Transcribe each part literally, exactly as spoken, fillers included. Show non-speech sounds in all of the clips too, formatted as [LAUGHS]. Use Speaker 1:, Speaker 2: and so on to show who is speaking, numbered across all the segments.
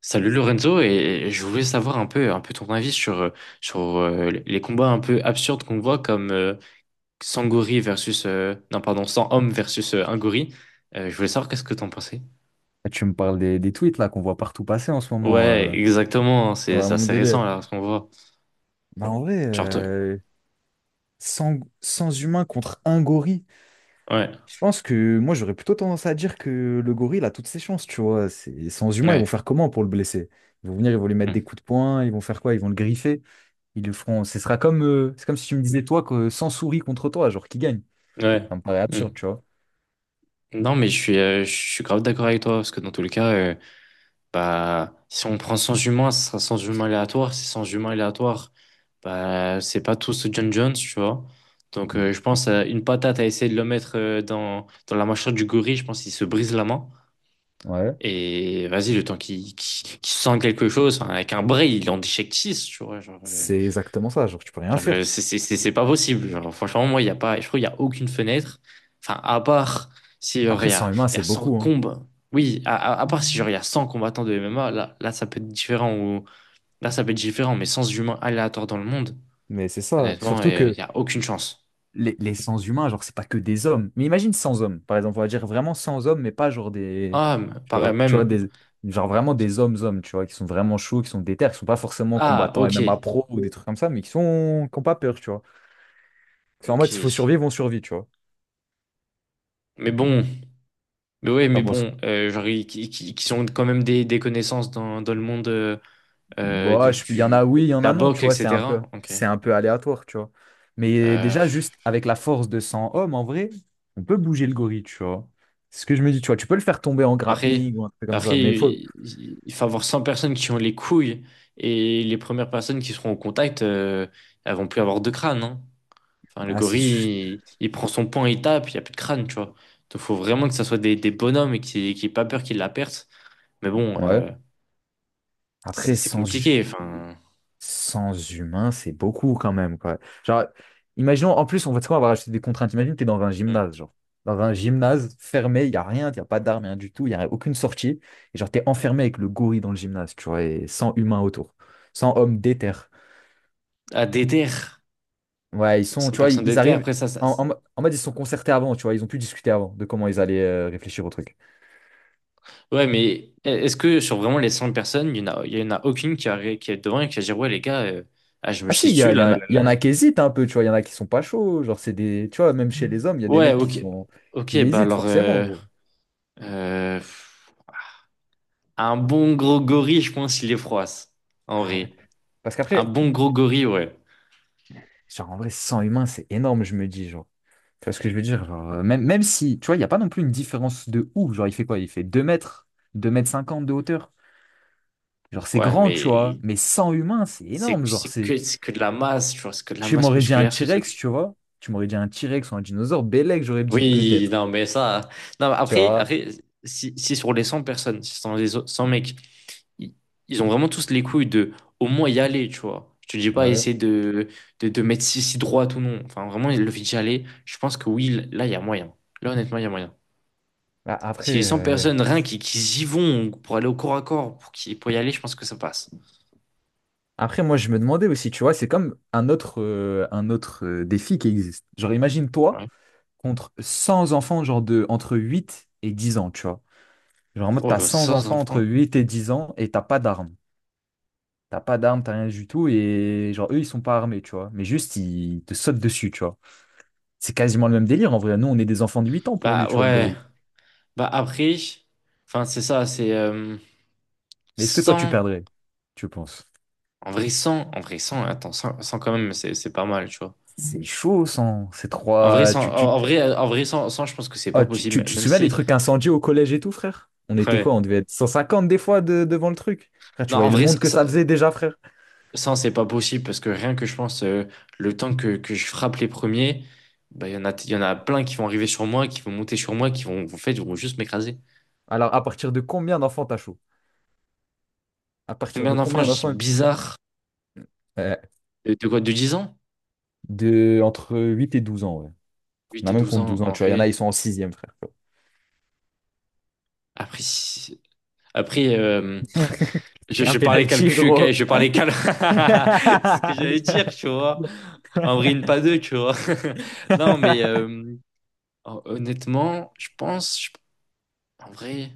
Speaker 1: Salut Lorenzo, et je voulais savoir un peu, un peu ton avis sur, euh, sur euh, les combats un peu absurdes qu'on voit comme euh, Sangori versus, euh, non pardon, cent hommes versus euh, un gorille. Euh, je voulais savoir qu'est-ce que t'en pensais.
Speaker 2: Tu me parles des, des tweets là qu'on voit partout passer en ce moment.
Speaker 1: Ouais,
Speaker 2: Euh,
Speaker 1: exactement, hein,
Speaker 2: c'est
Speaker 1: c'est c'est
Speaker 2: vraiment mon
Speaker 1: assez récent
Speaker 2: délire.
Speaker 1: là ce qu'on voit.
Speaker 2: Bah en vrai,
Speaker 1: Genre, t-
Speaker 2: euh, cent, cent humains contre un gorille.
Speaker 1: ouais,
Speaker 2: Je pense que moi j'aurais plutôt tendance à dire que le gorille a toutes ses chances, tu vois. C'est cent humains, ils vont
Speaker 1: ouais,
Speaker 2: faire comment pour le blesser? Ils vont venir, ils vont lui mettre
Speaker 1: mm,
Speaker 2: des coups de poing, ils vont faire quoi? Ils vont le griffer. Ils le feront. Ce sera comme, euh, c'est comme si tu me disais toi que cent souris contre toi, genre qui gagne.
Speaker 1: ouais.
Speaker 2: Ça me paraît absurde,
Speaker 1: Mm.
Speaker 2: tu vois.
Speaker 1: Non mais je suis, euh, je suis grave d'accord avec toi parce que dans tous les cas, euh, bah, si on prend cent humains, ce sera cent humains aléatoires. Ces cent humains aléatoires, bah, c'est pas tous John Jones, tu vois. Donc,
Speaker 2: Mm.
Speaker 1: euh, je pense, euh, une patate à essayer de le mettre euh, dans, dans la mâchoire du gorille, je pense qu'il se brise la main.
Speaker 2: Ouais.
Speaker 1: Et vas-y, le temps qu'il qu'il qu'il sente quelque chose, enfin, avec un bras, il en déchecte, tu vois. Genre, euh.
Speaker 2: C'est exactement ça, genre tu peux rien
Speaker 1: Genre, euh,
Speaker 2: faire.
Speaker 1: c'est c'est- c'est- c'est pas possible. Genre, franchement, moi, il y a pas, je trouve qu'il n'y a aucune fenêtre. Enfin, à part si genre,
Speaker 2: Après,
Speaker 1: il y a,
Speaker 2: cent humains,
Speaker 1: il y a
Speaker 2: c'est
Speaker 1: cent
Speaker 2: beaucoup, hein.
Speaker 1: combats. Oui, à, à- à part si genre, il y a cent combattants de M M A, là, là, ça peut être différent. Ou, là, ça peut être différent, mais sans humains aléatoires dans le monde,
Speaker 2: Mais c'est ça.
Speaker 1: honnêtement,
Speaker 2: Surtout
Speaker 1: euh, il
Speaker 2: que
Speaker 1: n'y a aucune chance.
Speaker 2: les, les sans humains, genre, c'est pas que des hommes. Mais imagine sans hommes, par exemple, on va dire vraiment sans hommes, mais pas genre des.
Speaker 1: Ah, mais
Speaker 2: Tu
Speaker 1: pareil
Speaker 2: vois, tu vois,
Speaker 1: même.
Speaker 2: des, genre vraiment des hommes-hommes, tu vois, qui sont vraiment chauds, qui sont déter, qui sont pas forcément
Speaker 1: Ah,
Speaker 2: combattants et
Speaker 1: ok.
Speaker 2: même à pro ou des trucs comme ça, mais qui sont, qui ont pas peur, tu vois. C'est en mode, s'il faut
Speaker 1: Ok.
Speaker 2: survivre, on survit, tu vois.
Speaker 1: Mais bon, mais ouais, mais
Speaker 2: T'en penses-
Speaker 1: bon, euh, genre, ils- qui, qui, qui sont quand même des, des connaissances dans, dans le monde euh, euh,
Speaker 2: Bah,
Speaker 1: du,
Speaker 2: je- il y en
Speaker 1: du-
Speaker 2: a oui, il y
Speaker 1: de
Speaker 2: en a
Speaker 1: la
Speaker 2: non, tu
Speaker 1: boxe,
Speaker 2: vois, c'est un
Speaker 1: et cetera.
Speaker 2: peu,
Speaker 1: Ok.
Speaker 2: c'est un peu aléatoire, tu vois. Mais
Speaker 1: Euh,
Speaker 2: déjà, juste avec la force de cent hommes, en vrai, on peut bouger le gorille, tu vois. C'est ce que je me dis, tu vois, tu peux le faire tomber en
Speaker 1: Après,
Speaker 2: grappling ou un truc comme ça,
Speaker 1: après,
Speaker 2: mais faut.
Speaker 1: il il faut avoir cent personnes qui ont les couilles et les premières personnes qui seront au contact, euh, elles vont plus avoir de crâne, hein. Enfin, le
Speaker 2: Ah, c'est. su-
Speaker 1: gorille, il, il prend son poing, il tape, il n'y a plus de crâne, tu vois. Donc, faut vraiment que ça soit des, des bonhommes et qui qui aient pas peur qu'ils la perdent. Mais bon,
Speaker 2: ouais.
Speaker 1: euh, c'est
Speaker 2: Après,
Speaker 1: c'est
Speaker 2: sans hu-
Speaker 1: compliqué. Enfin,
Speaker 2: cent humains, c'est beaucoup quand même, quoi. Genre, imaginons, en plus, on va, tu sais quoi, on va rajouter des contraintes. Imagine, t'es dans un
Speaker 1: hmm.
Speaker 2: gymnase, genre. Dans un gymnase fermé, il n'y a rien, il n'y a pas d'armes, rien du tout, il n'y a aucune sortie. Et genre, t'es enfermé avec le gorille dans le gymnase, tu vois, et cent humains autour. Sans hommes déter.
Speaker 1: À déter,
Speaker 2: Ouais, ils sont,
Speaker 1: cent
Speaker 2: tu vois, ils,
Speaker 1: personnes
Speaker 2: ils
Speaker 1: déter,
Speaker 2: arrivent.
Speaker 1: après ça, ça.
Speaker 2: En, en,
Speaker 1: ça-
Speaker 2: mo- en mode, ils se sont concertés avant, tu vois, ils ont pu discuter avant de comment ils allaient euh, réfléchir au truc.
Speaker 1: Ouais, mais est-ce que sur vraiment les cent personnes, il n'y en a, il y en a aucune qui, a, qui est devant et qui va dire, ouais, les gars, euh, ah, je me
Speaker 2: Ah
Speaker 1: chie
Speaker 2: si, il y,
Speaker 1: dessus,
Speaker 2: a- il y en
Speaker 1: là,
Speaker 2: a,
Speaker 1: là,
Speaker 2: il y en
Speaker 1: là.
Speaker 2: a qui hésitent un peu, tu vois, il y en a qui sont pas chauds, genre c'est des, tu vois, même chez les hommes, il y a des
Speaker 1: Ouais,
Speaker 2: mecs qui
Speaker 1: ok.
Speaker 2: sont,
Speaker 1: Ok,
Speaker 2: qui
Speaker 1: bah
Speaker 2: hésitent
Speaker 1: alors,
Speaker 2: forcément,
Speaker 1: euh,
Speaker 2: gros.
Speaker 1: euh, un bon gros gorille, je pense, il est froisse, en
Speaker 2: Ah ouais.
Speaker 1: vrai.
Speaker 2: Parce
Speaker 1: Un
Speaker 2: qu'après,
Speaker 1: bon gros gorille, ouais.
Speaker 2: genre, en vrai, cent humains, c'est énorme, je me dis, genre. Tu vois ce que je veux dire? Genre, euh, même, même si, tu vois, il n'y a pas non plus une différence de ouf. Genre, il fait quoi? Il fait deux mètres, deux mètres cinquante de hauteur. Genre, c'est
Speaker 1: Ouais,
Speaker 2: grand, tu vois.
Speaker 1: mais
Speaker 2: Mais cent humains, c'est
Speaker 1: c'est
Speaker 2: énorme. Genre,
Speaker 1: c'est
Speaker 2: c'est.
Speaker 1: que, c'est que de la masse, tu vois, c'est que de la
Speaker 2: Tu
Speaker 1: masse
Speaker 2: m'aurais dit un
Speaker 1: musculaire, ce
Speaker 2: T-Rex,
Speaker 1: truc.
Speaker 2: tu vois. Tu m'aurais dit un T-Rex ou un dinosaure. Bellec, j'aurais dit
Speaker 1: Oui,
Speaker 2: peut-être.
Speaker 1: non, mais ça. Non, mais
Speaker 2: Tu
Speaker 1: après,
Speaker 2: vois?
Speaker 1: après si, si sur les cent personnes, si sur les o- cent mecs, i- ils ont vraiment tous les couilles de au moins y aller, tu vois. Je te dis pas
Speaker 2: Ouais.
Speaker 1: essayer de, de, de mettre si, si droite ou non. Enfin, vraiment, le fait d'y aller, je pense que oui, là, il y a moyen. Là, honnêtement, il y a moyen.
Speaker 2: Bah,
Speaker 1: Si les
Speaker 2: après,
Speaker 1: cent
Speaker 2: euh,
Speaker 1: personnes, rien qui, qui y vont pour aller au corps à corps, pour, qui, pour y aller, je pense que ça passe.
Speaker 2: après, moi, je me demandais aussi, tu vois, c'est comme un autre, euh, un autre euh, défi qui existe. Genre, imagine toi
Speaker 1: Ouais.
Speaker 2: contre cent enfants, genre de entre huit et dix ans, tu vois. Genre, en mode, t'as
Speaker 1: Oh,
Speaker 2: cent
Speaker 1: sans
Speaker 2: enfants entre
Speaker 1: enfants.
Speaker 2: huit et dix ans et t'as pas d'armes. T'as pas d'armes, t'as rien du tout. Et genre, eux, ils sont pas armés, tu vois. Mais juste, ils te sautent dessus, tu vois. C'est quasiment le même délire. En vrai, nous, on est des enfants de huit ans pour lui,
Speaker 1: Bah
Speaker 2: tu vois, le
Speaker 1: ouais.
Speaker 2: gorille.
Speaker 1: Bah après, enfin, c'est ça, c'est euh,
Speaker 2: Mais est-ce que toi, tu
Speaker 1: cent.
Speaker 2: perdrais, tu penses?
Speaker 1: En vrai, cent, en vrai, cent, attends, cent cent quand même, c'est c'est pas mal, tu vois.
Speaker 2: C'est chaud, sans ces
Speaker 1: En vrai,
Speaker 2: trois.
Speaker 1: cent,
Speaker 2: Tu
Speaker 1: en
Speaker 2: tu
Speaker 1: en vrai, euh, en vrai cent cent je pense que c'est pas
Speaker 2: Ah, tu, tu,
Speaker 1: possible,
Speaker 2: tu te
Speaker 1: même
Speaker 2: souviens des
Speaker 1: si.
Speaker 2: trucs incendiés au collège et tout, frère? On était quoi?
Speaker 1: Ouais.
Speaker 2: On devait être cent cinquante des fois de- devant le truc. Frère, tu
Speaker 1: Non, en
Speaker 2: voyais le
Speaker 1: vrai, cent,
Speaker 2: monde que ça faisait déjà, frère.
Speaker 1: cent, c'est pas possible parce que rien que je pense, euh, le temps que, que je frappe les premiers, bah, il y en a, il y en a plein qui vont arriver sur moi, qui vont monter sur moi, qui vont, en fait, ils vont juste m'écraser.
Speaker 2: Alors, à partir de combien d'enfants t'as chaud? À partir
Speaker 1: Combien
Speaker 2: de
Speaker 1: d'enfants,
Speaker 2: combien
Speaker 1: je dis
Speaker 2: d'enfants?
Speaker 1: bizarre,
Speaker 2: Euh,
Speaker 1: de, de quoi, de dix ans?
Speaker 2: de entre huit et douze ans, ouais. On
Speaker 1: huit
Speaker 2: a
Speaker 1: et
Speaker 2: même
Speaker 1: douze
Speaker 2: contre
Speaker 1: ans,
Speaker 2: douze ans,
Speaker 1: en
Speaker 2: tu vois. Il y en
Speaker 1: vrai.
Speaker 2: a, ils sont en sixième, frère.
Speaker 1: Après, si- après euh,
Speaker 2: [LAUGHS]
Speaker 1: Je,
Speaker 2: Un
Speaker 1: je parlais
Speaker 2: penalty,
Speaker 1: calcul, ok,
Speaker 2: gros.
Speaker 1: je parlais cal. [LAUGHS] C'est ce que j'allais dire, tu vois.
Speaker 2: [LAUGHS]
Speaker 1: En vrai, une pas deux, tu vois. [LAUGHS] Non, mais euh, hon- honnêtement, je pense, je- en vrai,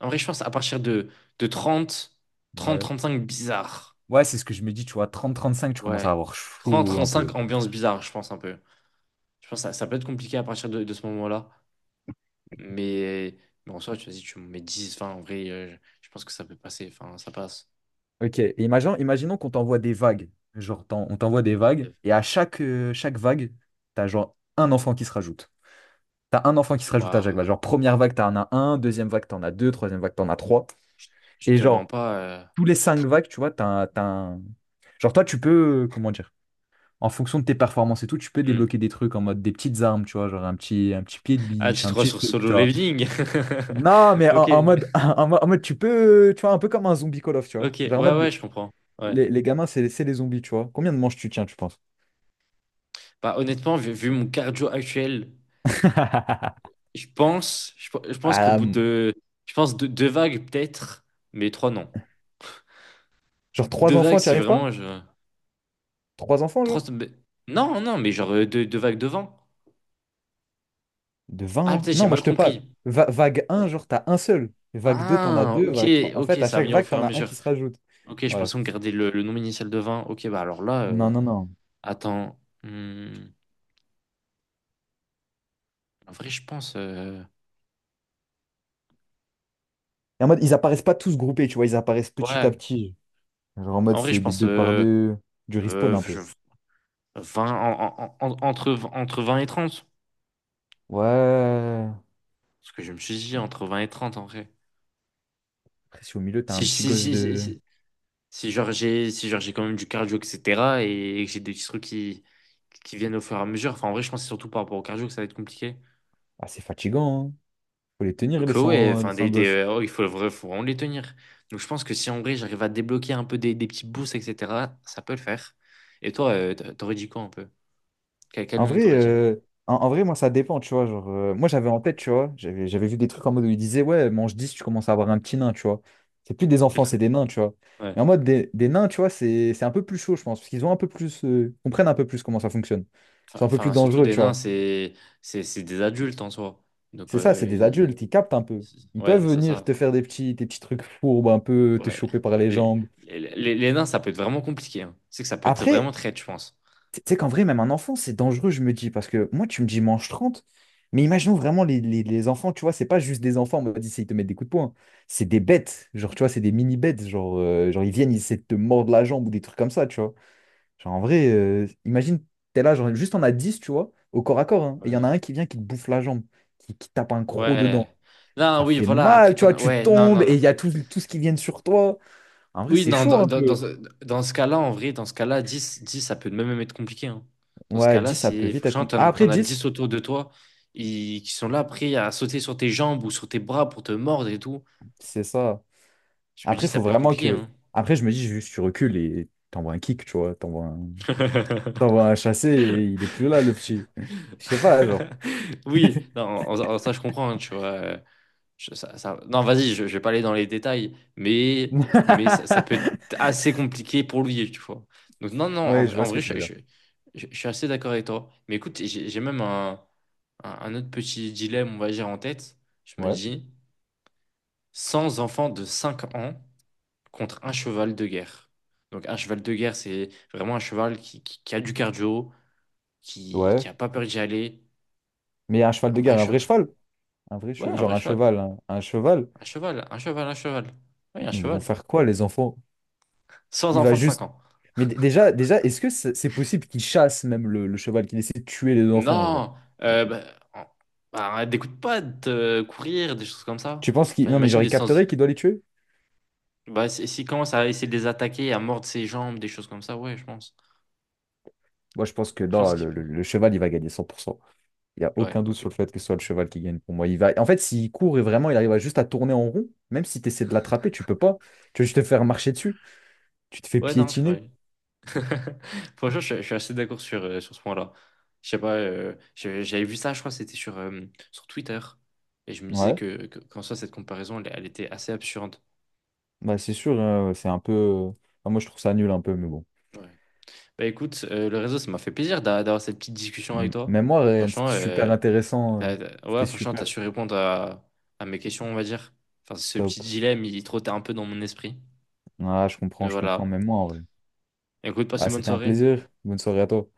Speaker 1: en vrai, je pense à partir de, de trente, trente
Speaker 2: Ouais.
Speaker 1: trente cinq bizarre.
Speaker 2: Ouais, c'est ce que je me dis, tu vois. trente à trente-cinq, tu commences
Speaker 1: Ouais.
Speaker 2: à avoir
Speaker 1: trente
Speaker 2: chaud
Speaker 1: trente
Speaker 2: un peu.
Speaker 1: cinq ambiance bizarre, je pense un peu. Je pense que ça, ça peut être compliqué à partir de, de ce moment-là. Mais, mais en soi, tu vas-y, tu me mets dix vingt, en vrai, euh, je pense que ça peut passer. Enfin, ça passe.
Speaker 2: Ok, et imaginons, imaginons qu'on t'envoie des vagues. Genre, t'en- on t'envoie des vagues, et à chaque, euh, chaque vague, t'as genre un enfant qui se rajoute. T'as un enfant qui se rajoute à chaque vague.
Speaker 1: Waouh,
Speaker 2: Genre, première vague, t'en as un, deuxième vague, t'en as deux, troisième vague, t'en as trois.
Speaker 1: je
Speaker 2: Et
Speaker 1: te mens
Speaker 2: genre,
Speaker 1: pas. Euh,
Speaker 2: tous les cinq vagues, tu vois, t'as, un- t'as un- genre, toi, tu peux, euh, comment dire, en fonction de tes performances et tout, tu peux
Speaker 1: hmm.
Speaker 2: débloquer des trucs en mode des petites armes, tu vois, genre un petit, un petit pied de
Speaker 1: Ah,
Speaker 2: biche,
Speaker 1: tu te
Speaker 2: un
Speaker 1: crois
Speaker 2: petit
Speaker 1: sur
Speaker 2: truc,
Speaker 1: Solo
Speaker 2: tu vois.
Speaker 1: Leveling? [LAUGHS]
Speaker 2: Non, mais en,
Speaker 1: Ok,
Speaker 2: en mode, [LAUGHS] en, mode, en mode, tu peux, tu vois, un peu comme un zombie Call of, tu
Speaker 1: ok,
Speaker 2: vois. Genre, en
Speaker 1: ouais,
Speaker 2: mode.
Speaker 1: ouais, je comprends. Ouais.
Speaker 2: les, les gamins, c'est c'est les zombies, tu vois. Combien de manches tu tiens, tu penses?
Speaker 1: Bah, honnêtement, vu, vu mon cardio actuel,
Speaker 2: [LAUGHS]
Speaker 1: je pense, je, pe- je pense qu'au
Speaker 2: Ah,
Speaker 1: bout
Speaker 2: hum,
Speaker 1: de, je pense deux, deux vagues peut-être, mais trois non.
Speaker 2: genre
Speaker 1: Deux
Speaker 2: trois
Speaker 1: vagues
Speaker 2: enfants, tu
Speaker 1: si
Speaker 2: arrives pas?
Speaker 1: vraiment je,
Speaker 2: Trois enfants,
Speaker 1: trois,
Speaker 2: genre?
Speaker 1: mais- non, non, mais genre euh, deux, deux vagues devant.
Speaker 2: De
Speaker 1: Ah,
Speaker 2: vingt
Speaker 1: peut-être j'ai
Speaker 2: Non, moi
Speaker 1: mal
Speaker 2: je te parle.
Speaker 1: compris.
Speaker 2: Va- vague un, genre, t'as un seul. Vague deux, t'en as
Speaker 1: Ah,
Speaker 2: deux.
Speaker 1: ok,
Speaker 2: Vague trois. En
Speaker 1: ok,
Speaker 2: fait, à
Speaker 1: ça va
Speaker 2: chaque
Speaker 1: venir au
Speaker 2: vague,
Speaker 1: fur et
Speaker 2: t'en
Speaker 1: à
Speaker 2: as un
Speaker 1: mesure.
Speaker 2: qui se rajoute.
Speaker 1: Ok, je
Speaker 2: Ouais.
Speaker 1: pensais qu'on gardait le, le nombre initial de vingt. Ok, bah alors là,
Speaker 2: Non,
Speaker 1: euh,
Speaker 2: non, non.
Speaker 1: attends. Hmm, en vrai, je pense. euh,
Speaker 2: Et en mode, ils apparaissent pas tous groupés, tu vois, ils apparaissent petit à
Speaker 1: Ouais,
Speaker 2: petit. Genre en mode,
Speaker 1: en vrai, je
Speaker 2: c'est des
Speaker 1: pense,
Speaker 2: deux par
Speaker 1: euh,
Speaker 2: deux, du respawn
Speaker 1: euh,
Speaker 2: un
Speaker 1: je-
Speaker 2: peu.
Speaker 1: vingt, en- en- en- entre, entre vingt et trente.
Speaker 2: Ouais.
Speaker 1: Parce que je me suis dit entre vingt et trente en vrai.
Speaker 2: Après, si au milieu, t'as
Speaker 1: Si,
Speaker 2: un petit
Speaker 1: si,
Speaker 2: gosse
Speaker 1: si, si,
Speaker 2: de.
Speaker 1: si- si genre j'ai si genre j'ai quand même du cardio, et cetera. Et, que j'ai des petits trucs qui, qui viennent au fur et à mesure. Enfin, en vrai, je pense que c'est surtout par rapport au cardio que ça va être compliqué.
Speaker 2: Ah, c'est fatigant, hein. Faut les tenir,
Speaker 1: Donc,
Speaker 2: les
Speaker 1: euh, ouais,
Speaker 2: cent les
Speaker 1: enfin,
Speaker 2: cent
Speaker 1: des, des,
Speaker 2: gosses.
Speaker 1: euh, oh, il faut, vra- faut vraiment les tenir. Donc, je pense que si en vrai j'arrive à débloquer un peu des, des petits boosts, et cetera, ça peut le faire. Et toi, euh, t- t'aurais dit quoi un peu? Quel, quel
Speaker 2: En
Speaker 1: nombre
Speaker 2: vrai,
Speaker 1: t'aurais dit?
Speaker 2: euh, en, en vrai, moi, ça dépend, tu vois. Genre, euh, moi, j'avais en tête, tu vois, j'avais j'avais vu des trucs en mode où ils disaient, ouais, mange dix tu commences à avoir un petit nain, tu vois. C'est plus des enfants, c'est des nains, tu vois. Mais en mode, des, des nains, tu vois, c'est c'est un peu plus chaud, je pense, parce qu'ils ont un peu plus, euh, comprennent un peu plus comment ça fonctionne. Ils
Speaker 1: Enfin,
Speaker 2: sont un peu plus
Speaker 1: enfin, surtout
Speaker 2: dangereux,
Speaker 1: des
Speaker 2: tu
Speaker 1: nains,
Speaker 2: vois.
Speaker 1: c'est c'est c'est des adultes en soi. Donc,
Speaker 2: C'est ça, c'est
Speaker 1: euh,
Speaker 2: des
Speaker 1: ils-
Speaker 2: adultes, ils captent un peu. Ils peuvent
Speaker 1: ouais, c'est ça.
Speaker 2: venir te
Speaker 1: Enfin,
Speaker 2: faire des petits, des petits trucs fourbes, un peu te
Speaker 1: ouais.
Speaker 2: choper par les
Speaker 1: Les,
Speaker 2: jambes.
Speaker 1: les, les- les nains, ça peut être vraiment compliqué, hein. C'est que ça peut être vraiment
Speaker 2: Après,
Speaker 1: traite, je pense.
Speaker 2: tu sais qu'en vrai, même un enfant, c'est dangereux, je me dis, parce que moi, tu me dis mange trente mais imaginons vraiment les, les- les enfants, tu vois, c'est pas juste des enfants, on m'a dit mode ils te mettent des coups de poing, hein. C'est des bêtes, genre, tu vois, c'est des mini-bêtes, genre, euh, genre, ils viennent, ils essaient de te mordre la jambe ou des trucs comme ça, tu vois. Genre, en vrai, euh, imagine, t'es là, genre, juste on a dix tu vois, au corps à corps, hein, et il y en
Speaker 1: Ouais.
Speaker 2: a un qui vient, qui te bouffe la jambe, qui, qui tape un croc dedans.
Speaker 1: Ouais. Non,
Speaker 2: Ça
Speaker 1: oui,
Speaker 2: fait
Speaker 1: voilà. Après,
Speaker 2: mal, tu vois,
Speaker 1: dans-
Speaker 2: tu
Speaker 1: ouais, non,
Speaker 2: tombes
Speaker 1: non,
Speaker 2: et
Speaker 1: non.
Speaker 2: il y a tout, tout ce qui vient sur toi. En vrai,
Speaker 1: Oui,
Speaker 2: c'est
Speaker 1: non,
Speaker 2: chaud
Speaker 1: dans,
Speaker 2: un
Speaker 1: dans, dans
Speaker 2: peu.
Speaker 1: ce dans ce cas-là, en vrai, dans ce cas-là, dix dix ça peut même être compliqué, hein. Dans ce
Speaker 2: Ouais,
Speaker 1: cas-là,
Speaker 2: dix ça peut
Speaker 1: si
Speaker 2: vite être
Speaker 1: franchement,
Speaker 2: compl- Ah,
Speaker 1: t'en,
Speaker 2: après,
Speaker 1: t'en as
Speaker 2: dix
Speaker 1: dix autour de toi, ils- qui sont là prêts à sauter sur tes jambes ou sur tes bras pour te mordre et tout,
Speaker 2: c'est ça.
Speaker 1: je me dis,
Speaker 2: Après, il
Speaker 1: ça
Speaker 2: faut
Speaker 1: peut être
Speaker 2: vraiment
Speaker 1: compliqué.
Speaker 2: que.
Speaker 1: Hein.
Speaker 2: Après, je me dis, juste, tu recules et t'envoies un kick, tu vois. T'envoies un... t'envoies un
Speaker 1: [LAUGHS]
Speaker 2: chassé et il est
Speaker 1: [LAUGHS]
Speaker 2: plus là, le petit. Je sais pas, genre.
Speaker 1: Oui, non, en- en- ça je comprends, hein, tu vois. euh, je- ça, ça- Non, vas-y, je, je vais pas aller dans les détails, mais,
Speaker 2: [LAUGHS]
Speaker 1: mais ça, ça peut être assez compliqué pour lui, tu vois. Donc non, non, en
Speaker 2: Ouais, je
Speaker 1: vrai,
Speaker 2: vois
Speaker 1: en
Speaker 2: ce que
Speaker 1: vrai,
Speaker 2: tu veux
Speaker 1: je,
Speaker 2: dire.
Speaker 1: je- je- je suis assez d'accord avec toi. Mais écoute, j'ai j'ai même un, un, un autre petit dilemme, on va dire, en tête. Je me
Speaker 2: Ouais,
Speaker 1: dis, cent enfants de cinq ans contre un cheval de guerre. Donc un cheval de guerre, c'est vraiment un cheval qui, qui, qui a du cardio, qui,
Speaker 2: ouais.
Speaker 1: qui a pas peur d'y aller.
Speaker 2: Mais un cheval
Speaker 1: Un
Speaker 2: de
Speaker 1: vrai
Speaker 2: guerre, un vrai
Speaker 1: cheval.
Speaker 2: cheval. Un vrai
Speaker 1: Ouais,
Speaker 2: che-
Speaker 1: un vrai
Speaker 2: Genre un
Speaker 1: cheval.
Speaker 2: cheval, un, un cheval.
Speaker 1: Un cheval, un cheval, un cheval. Oui, un
Speaker 2: Mais ils vont
Speaker 1: cheval.
Speaker 2: faire quoi, les enfants?
Speaker 1: Sans
Speaker 2: Il va
Speaker 1: enfant de cinq
Speaker 2: juste.
Speaker 1: ans.
Speaker 2: Mais d- déjà, déjà, est-ce que c'est c'est possible qu'il chasse même le, le cheval, qu'il essaie de tuer les enfants, genre?
Speaker 1: Non, euh, bah, en- bah, des coups de patte, euh, courir, des choses comme ça.
Speaker 2: Tu penses qu'il.
Speaker 1: Enfin,
Speaker 2: Non, mais
Speaker 1: imagine
Speaker 2: genre, il
Speaker 1: les sens.
Speaker 2: capterait qu'il doit les tuer?
Speaker 1: Bah, si- s'il commence à essayer de les attaquer, à mordre ses jambes, des choses comme ça, ouais, je pense.
Speaker 2: Moi, je pense que
Speaker 1: Je
Speaker 2: non,
Speaker 1: pense qu'il
Speaker 2: le, le
Speaker 1: peut.
Speaker 2: le cheval, il va gagner cent pour cent. Il n'y a
Speaker 1: Ouais,
Speaker 2: aucun doute
Speaker 1: ok.
Speaker 2: sur le fait que ce soit le cheval qui gagne pour moi. Il va... En fait, s'il court et vraiment il arrive à juste à tourner en rond, même si tu essaies de l'attraper, tu peux pas. Tu vas juste te faire marcher dessus. Tu te fais
Speaker 1: Ouais, non, je
Speaker 2: piétiner.
Speaker 1: pourrais. [LAUGHS] Franchement, je, je suis assez d'accord sur, euh, sur ce point-là. Je sais pas, euh, j'ai- j'avais vu ça, je crois, que c'était sur, euh, sur Twitter. Et je me disais
Speaker 2: Ouais,
Speaker 1: que, que- qu'en soi, cette comparaison, elle, elle était assez absurde.
Speaker 2: bah c'est sûr, euh, c'est un peu. euh, enfin, moi je trouve ça nul un peu, mais bon.
Speaker 1: Ouais. Bah écoute, euh, le réseau, ça m'a fait plaisir d'a- d'avoir cette petite discussion avec
Speaker 2: M-
Speaker 1: toi.
Speaker 2: Même moi, Ryan,
Speaker 1: Franchement,
Speaker 2: c'était super
Speaker 1: euh,
Speaker 2: intéressant. euh,
Speaker 1: t'as- t'as- ouais,
Speaker 2: C'était
Speaker 1: franchement, t'as
Speaker 2: super.
Speaker 1: su répondre à, à mes questions, on va dire. Enfin, ce petit
Speaker 2: Top.
Speaker 1: dilemme, il trottait un peu dans mon esprit.
Speaker 2: Ah, je
Speaker 1: Mais
Speaker 2: comprends, je comprends.
Speaker 1: voilà.
Speaker 2: Même moi, en vrai.
Speaker 1: Écoute, passe
Speaker 2: Ah,
Speaker 1: une bonne
Speaker 2: c'était un
Speaker 1: soirée.
Speaker 2: plaisir. Bonne soirée à toi.